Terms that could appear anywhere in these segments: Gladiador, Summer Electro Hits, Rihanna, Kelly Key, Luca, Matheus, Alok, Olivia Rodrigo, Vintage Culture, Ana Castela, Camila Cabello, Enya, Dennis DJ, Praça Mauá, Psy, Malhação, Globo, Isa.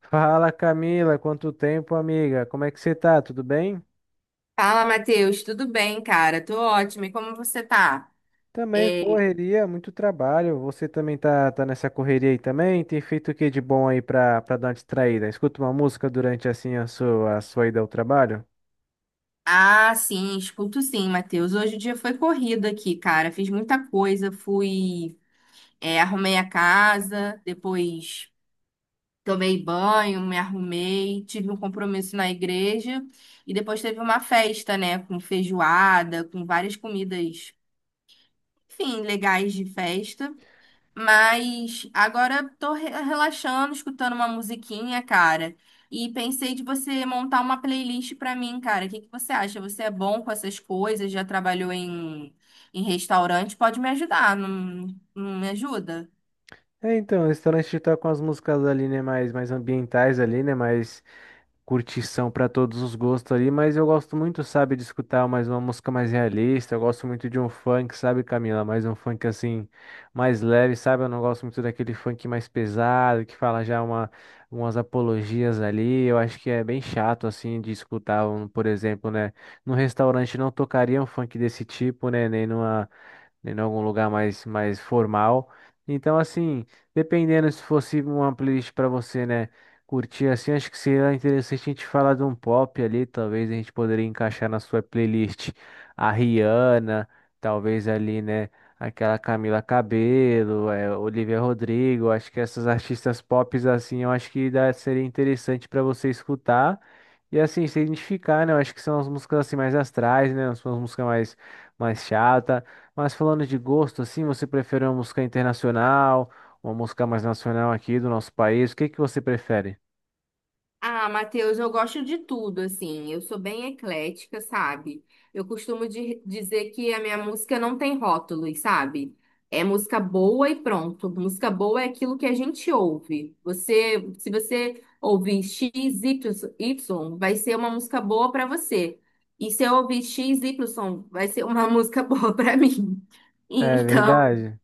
Fala, Camila, quanto tempo, amiga? Como é que você tá? Tudo bem? Fala, Matheus, tudo bem, cara? Tô ótima. E como você tá? Também É, correria, muito trabalho. Você também tá nessa correria aí também? Tem feito o que de bom aí pra dar uma distraída? Escuta uma música durante assim a a sua ida ao trabalho? Ah, sim, escuto sim, Matheus. Hoje o dia foi corrido aqui, cara. Fiz muita coisa, arrumei a casa, depois tomei banho, me arrumei, tive um compromisso na igreja e depois teve uma festa, né, com feijoada, com várias comidas, enfim, legais de festa. Mas agora tô relaxando, escutando uma musiquinha, cara. E pensei de você montar uma playlist pra mim, cara. O que que você acha? Você é bom com essas coisas? Já trabalhou em restaurante? Pode me ajudar, não, não me ajuda? É, então, o restaurante tá com as músicas ali, né, mais ambientais ali, né, mais curtição para todos os gostos ali, mas eu gosto muito, sabe, de escutar mais uma música mais realista. Eu gosto muito de um funk, sabe, Camila? Mais um funk assim, mais leve, sabe? Eu não gosto muito daquele funk mais pesado, que fala já umas apologias ali. Eu acho que é bem chato, assim, de escutar, um, por exemplo, né? Num restaurante não tocaria um funk desse tipo, né? Nem numa, né, em algum lugar mais formal. Então, assim, dependendo se fosse uma playlist para você, né, curtir assim, acho que seria interessante a gente falar de um pop ali, talvez a gente poderia encaixar na sua playlist a Rihanna, talvez ali, né, aquela Camila Cabello, é, Olivia Rodrigo, acho que essas artistas pops assim, eu acho que dá, seria interessante para você escutar. E assim, se identificar, né? Eu acho que são as músicas assim mais astrais, né? São as músicas mais chata. Mas falando de gosto, assim, você prefere uma música internacional, uma música mais nacional aqui do nosso país? O que que você prefere? Ah, Matheus, eu gosto de tudo, assim. Eu sou bem eclética, sabe? Eu costumo dizer que a minha música não tem rótulos, sabe? É música boa e pronto. Música boa é aquilo que a gente ouve. Se você ouvir X, Y, vai ser uma música boa pra você. E se eu ouvir X, Y, vai ser uma música boa pra mim. É Então, verdade.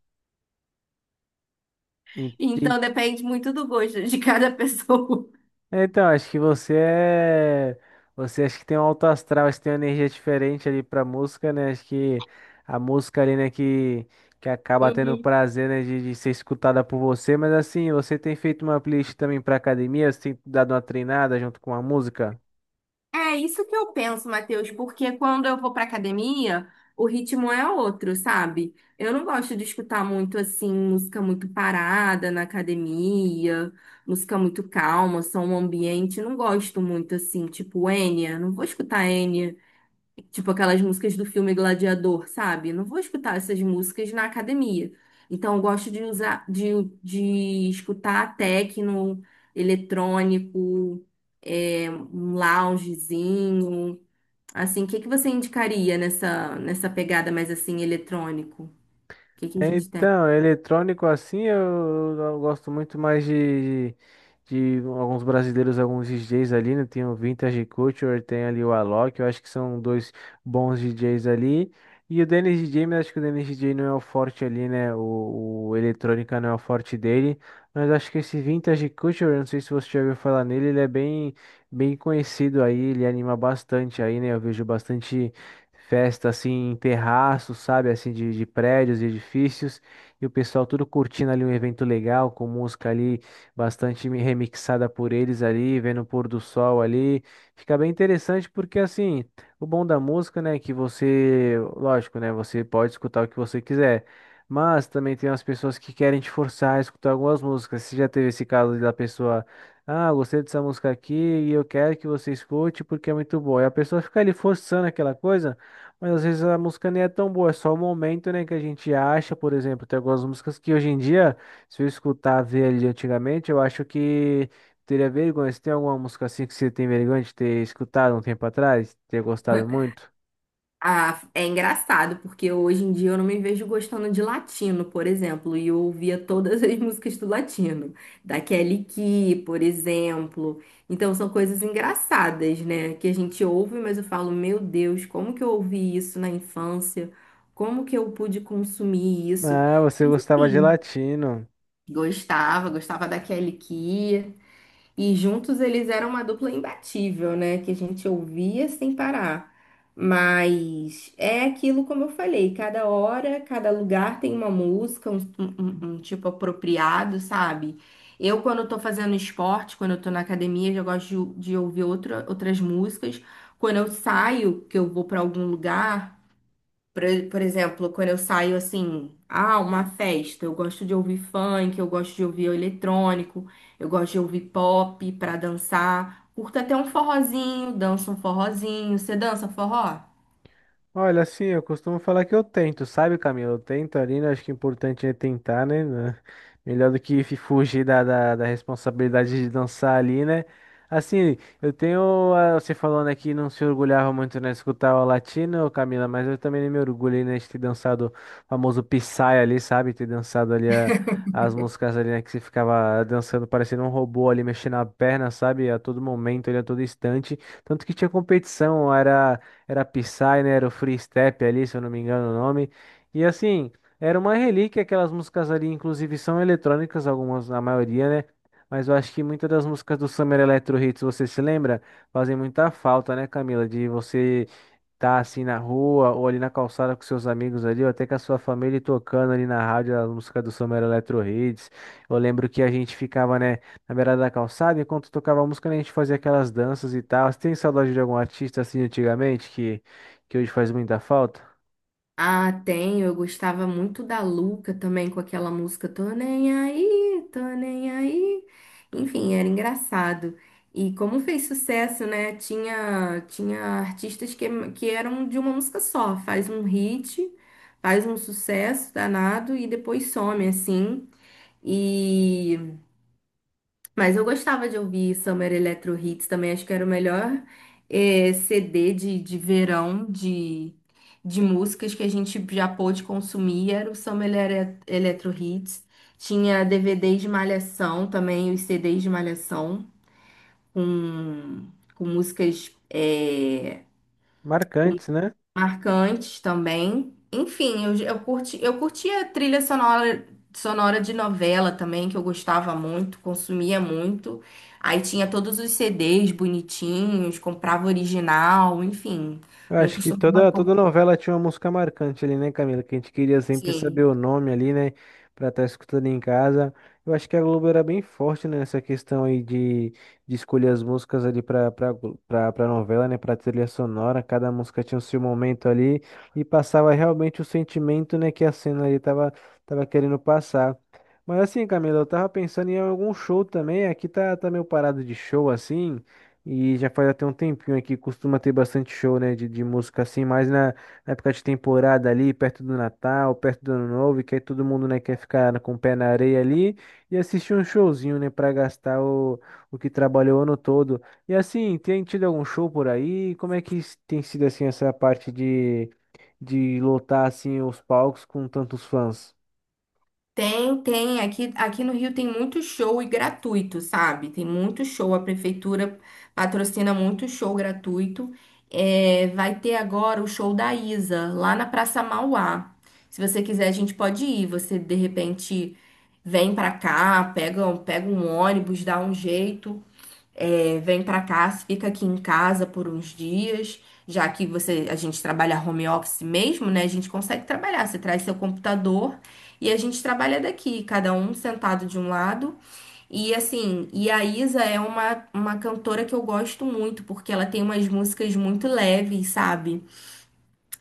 En- en- então depende muito do gosto de cada pessoa. Então, acho que você é. Você acha que tem um alto astral, acho que tem uma energia diferente ali pra música, né? Acho que a música ali, né, que acaba tendo o prazer, né, de ser escutada por você. Mas assim, você tem feito uma playlist também pra academia? Você tem dado uma treinada junto com a música? É isso que eu penso, Matheus, porque quando eu vou pra academia, o ritmo é outro, sabe? Eu não gosto de escutar muito assim, música muito parada na academia, música muito calma, som ambiente, não gosto muito assim, tipo Enya, não vou escutar. Tipo aquelas músicas do filme Gladiador, sabe? Não vou escutar essas músicas na academia. Então, eu gosto de escutar techno, eletrônico, um loungezinho. Assim, o que que você indicaria nessa, nessa pegada mais assim, eletrônico? O que que a É, gente tem? então, é eletrônico assim, eu gosto muito mais de alguns brasileiros, alguns DJs ali, né? Tem o Vintage Culture, tem ali o Alok, eu acho que são dois bons DJs ali. E o Dennis DJ, mas acho que o Dennis DJ não é o forte ali, né? O eletrônica não é o forte dele. Mas acho que esse Vintage Culture, eu não sei se você já ouviu falar nele, ele é bem, bem conhecido aí, ele anima bastante aí, né? Eu vejo bastante. Festa assim em terraços, sabe? Assim de prédios e edifícios. E o pessoal tudo curtindo ali um evento legal, com música ali bastante remixada por eles ali, vendo o pôr do sol ali. Fica bem interessante porque assim, o bom da música, né, é que você, lógico, né, você pode escutar o que você quiser. Mas também tem umas pessoas que querem te forçar a escutar algumas músicas. Você já teve esse caso da pessoa: ah, gostei dessa música aqui e eu quero que você escute porque é muito boa. E a pessoa fica ali forçando aquela coisa. Mas às vezes a música nem é tão boa, é só o momento, né, que a gente acha, por exemplo, tem algumas músicas que hoje em dia, se eu escutar ver ali antigamente, eu acho que teria vergonha. Você tem alguma música assim que você tem vergonha de ter escutado um tempo atrás, ter gostado muito? Ah, é engraçado, porque hoje em dia eu não me vejo gostando de latino, por exemplo, e eu ouvia todas as músicas do latino, da Kelly Key, por exemplo. Então são coisas engraçadas, né? Que a gente ouve, mas eu falo, meu Deus, como que eu ouvi isso na infância? Como que eu pude consumir isso? Ah, você gostava de Sim, latino. gostava, gostava da Kelly Key. E juntos eles eram uma dupla imbatível, né? Que a gente ouvia sem parar. Mas é aquilo como eu falei, cada hora, cada lugar tem uma música, um tipo apropriado, sabe? Eu, quando eu tô fazendo esporte, quando eu tô na academia, eu gosto de ouvir outras músicas. Quando eu saio, que eu vou para algum lugar. Por, por exemplo, quando eu saio assim, ah, uma festa, eu gosto de ouvir funk, eu gosto de ouvir eletrônico, eu gosto de ouvir pop pra dançar. Curto até um forrozinho, danço um forrozinho. Você dança forró? Olha, assim, eu costumo falar que eu tento, sabe, Camilo? Eu tento ali, né? Acho que o importante é tentar, né? Né? Melhor do que fugir da responsabilidade de dançar ali, né? Assim, eu tenho. Ah, você falando aqui, não se orgulhava muito, né, de escutar o latino, Camila, mas eu também me orgulhei, né, de ter dançado o famoso Psy ali, sabe? Ter dançado ali as músicas ali, né? Que você ficava dançando parecendo um robô ali, mexendo a perna, sabe? A todo momento, ali, a todo instante. Tanto que tinha competição, era. Era Psy, né? Era o Free Step ali, se eu não me engano o nome. E assim, era uma relíquia, aquelas músicas ali, inclusive são eletrônicas, algumas, a maioria, né? Mas eu acho que muitas das músicas do Summer Electro Hits, você se lembra? Fazem muita falta, né, Camila? De você tá assim na rua ou ali na calçada com seus amigos ali, ou até com a sua família e tocando ali na rádio a música do Summer Electro Hits. Eu lembro que a gente ficava, né, na beirada da calçada, enquanto tocava a música, né, a gente fazia aquelas danças e tal. Você tem saudade de algum artista assim antigamente que hoje faz muita falta? Ah, tem. Eu gostava muito da Luca também, com aquela música Tô nem aí, tô nem aí. Enfim, era engraçado. E como fez sucesso, né? Tinha artistas que eram de uma música só. Faz um hit, faz um sucesso danado e depois some, assim. e mas eu gostava de ouvir Summer Electro Hits também, acho que era o melhor CD de verão de músicas que a gente já pôde consumir, era o Summer Electro Hits. Tinha DVDs de Malhação também, os CDs de Malhação, com, com músicas, com Marcantes, né? marcantes também. Enfim, eu curti, eu curtia trilha sonora, sonora de novela também, que eu gostava muito, consumia muito. Aí tinha todos os CDs bonitinhos, comprava original, enfim. Eu Não acho que costumava toda comprar. novela tinha uma música marcante ali, né, Camila? Que a gente queria sempre saber o nome ali, né? Pra estar escutando em casa. Eu acho que a Globo era bem forte, né, nessa questão aí de escolher as músicas ali pra novela, né? Pra trilha sonora. Cada música tinha o seu momento ali e passava realmente o sentimento, né, que a cena ali tava querendo passar. Mas assim, Camila, eu tava pensando em algum show também. Aqui tá meio parado de show, assim. E já faz até um tempinho aqui, costuma ter bastante show, né, de música assim, mas na época de temporada ali, perto do Natal, perto do Ano Novo, e que aí todo mundo, né, quer ficar com o pé na areia ali e assistir um showzinho, né, pra gastar o que trabalhou o ano todo. E assim, tem tido algum show por aí? Como é que tem sido, assim, essa parte de lotar, assim, os palcos com tantos fãs? Tem, tem. Aqui no Rio tem muito show e gratuito, sabe? Tem muito show. A prefeitura patrocina muito show gratuito. É, vai ter agora o show da Isa, lá na Praça Mauá. Se você quiser, a gente pode ir. Você, de repente, vem pra cá, pega um ônibus, dá um jeito. É, vem para cá, fica aqui em casa por uns dias, já que você, a gente trabalha home office mesmo, né? A gente consegue trabalhar. Você traz seu computador e a gente trabalha daqui, cada um sentado de um lado. E assim, e a Isa é uma cantora que eu gosto muito, porque ela tem umas músicas muito leves, sabe?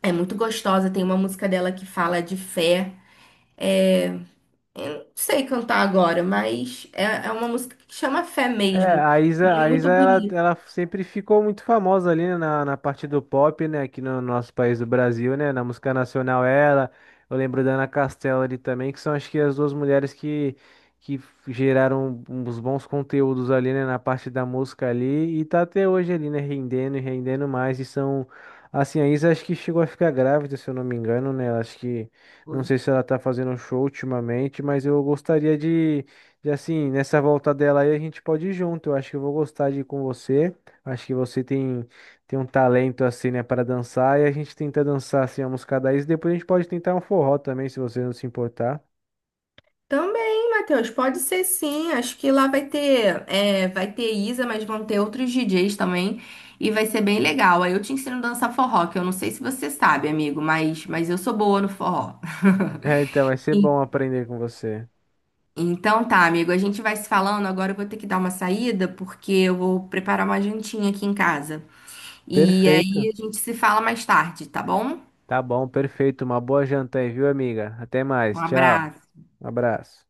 É muito gostosa. Tem uma música dela que fala de fé. Eu não sei cantar agora, mas é uma música que chama Fé É, mesmo. E é a muito Isa ela, bonito. ela sempre ficou muito famosa ali, né, na parte do pop, né? Aqui no nosso país do Brasil, né? Na música nacional ela. Eu lembro da Ana Castela ali também, que são acho que as duas mulheres que geraram uns bons conteúdos ali, né? Na parte da música ali. E tá até hoje ali, né? Rendendo e rendendo mais. E são. Assim, a Isa acho que chegou a ficar grávida, se eu não me engano, né? Acho que. Não sei se ela tá fazendo show ultimamente, mas eu gostaria de. E assim, nessa volta dela aí a gente pode ir junto. Eu acho que eu vou gostar de ir com você. Acho que você tem, tem um talento assim, né, para dançar. E a gente tenta dançar assim a música daí. E depois a gente pode tentar um forró também, se você não se importar. Também, Matheus, pode ser sim. Acho que lá vai vai ter Isa, mas vão ter outros DJs também. E vai ser bem legal. Aí eu te ensino a dançar forró, que eu não sei se você sabe, amigo, mas eu sou boa no forró. É, então vai ser Sim. bom aprender com você. Então tá, amigo, a gente vai se falando. Agora eu vou ter que dar uma saída, porque eu vou preparar uma jantinha aqui em casa. E Perfeito. aí a gente se fala mais tarde, tá bom? Tá bom, perfeito. Uma boa janta aí, viu, amiga? Até Um mais. Tchau. abraço. Um abraço.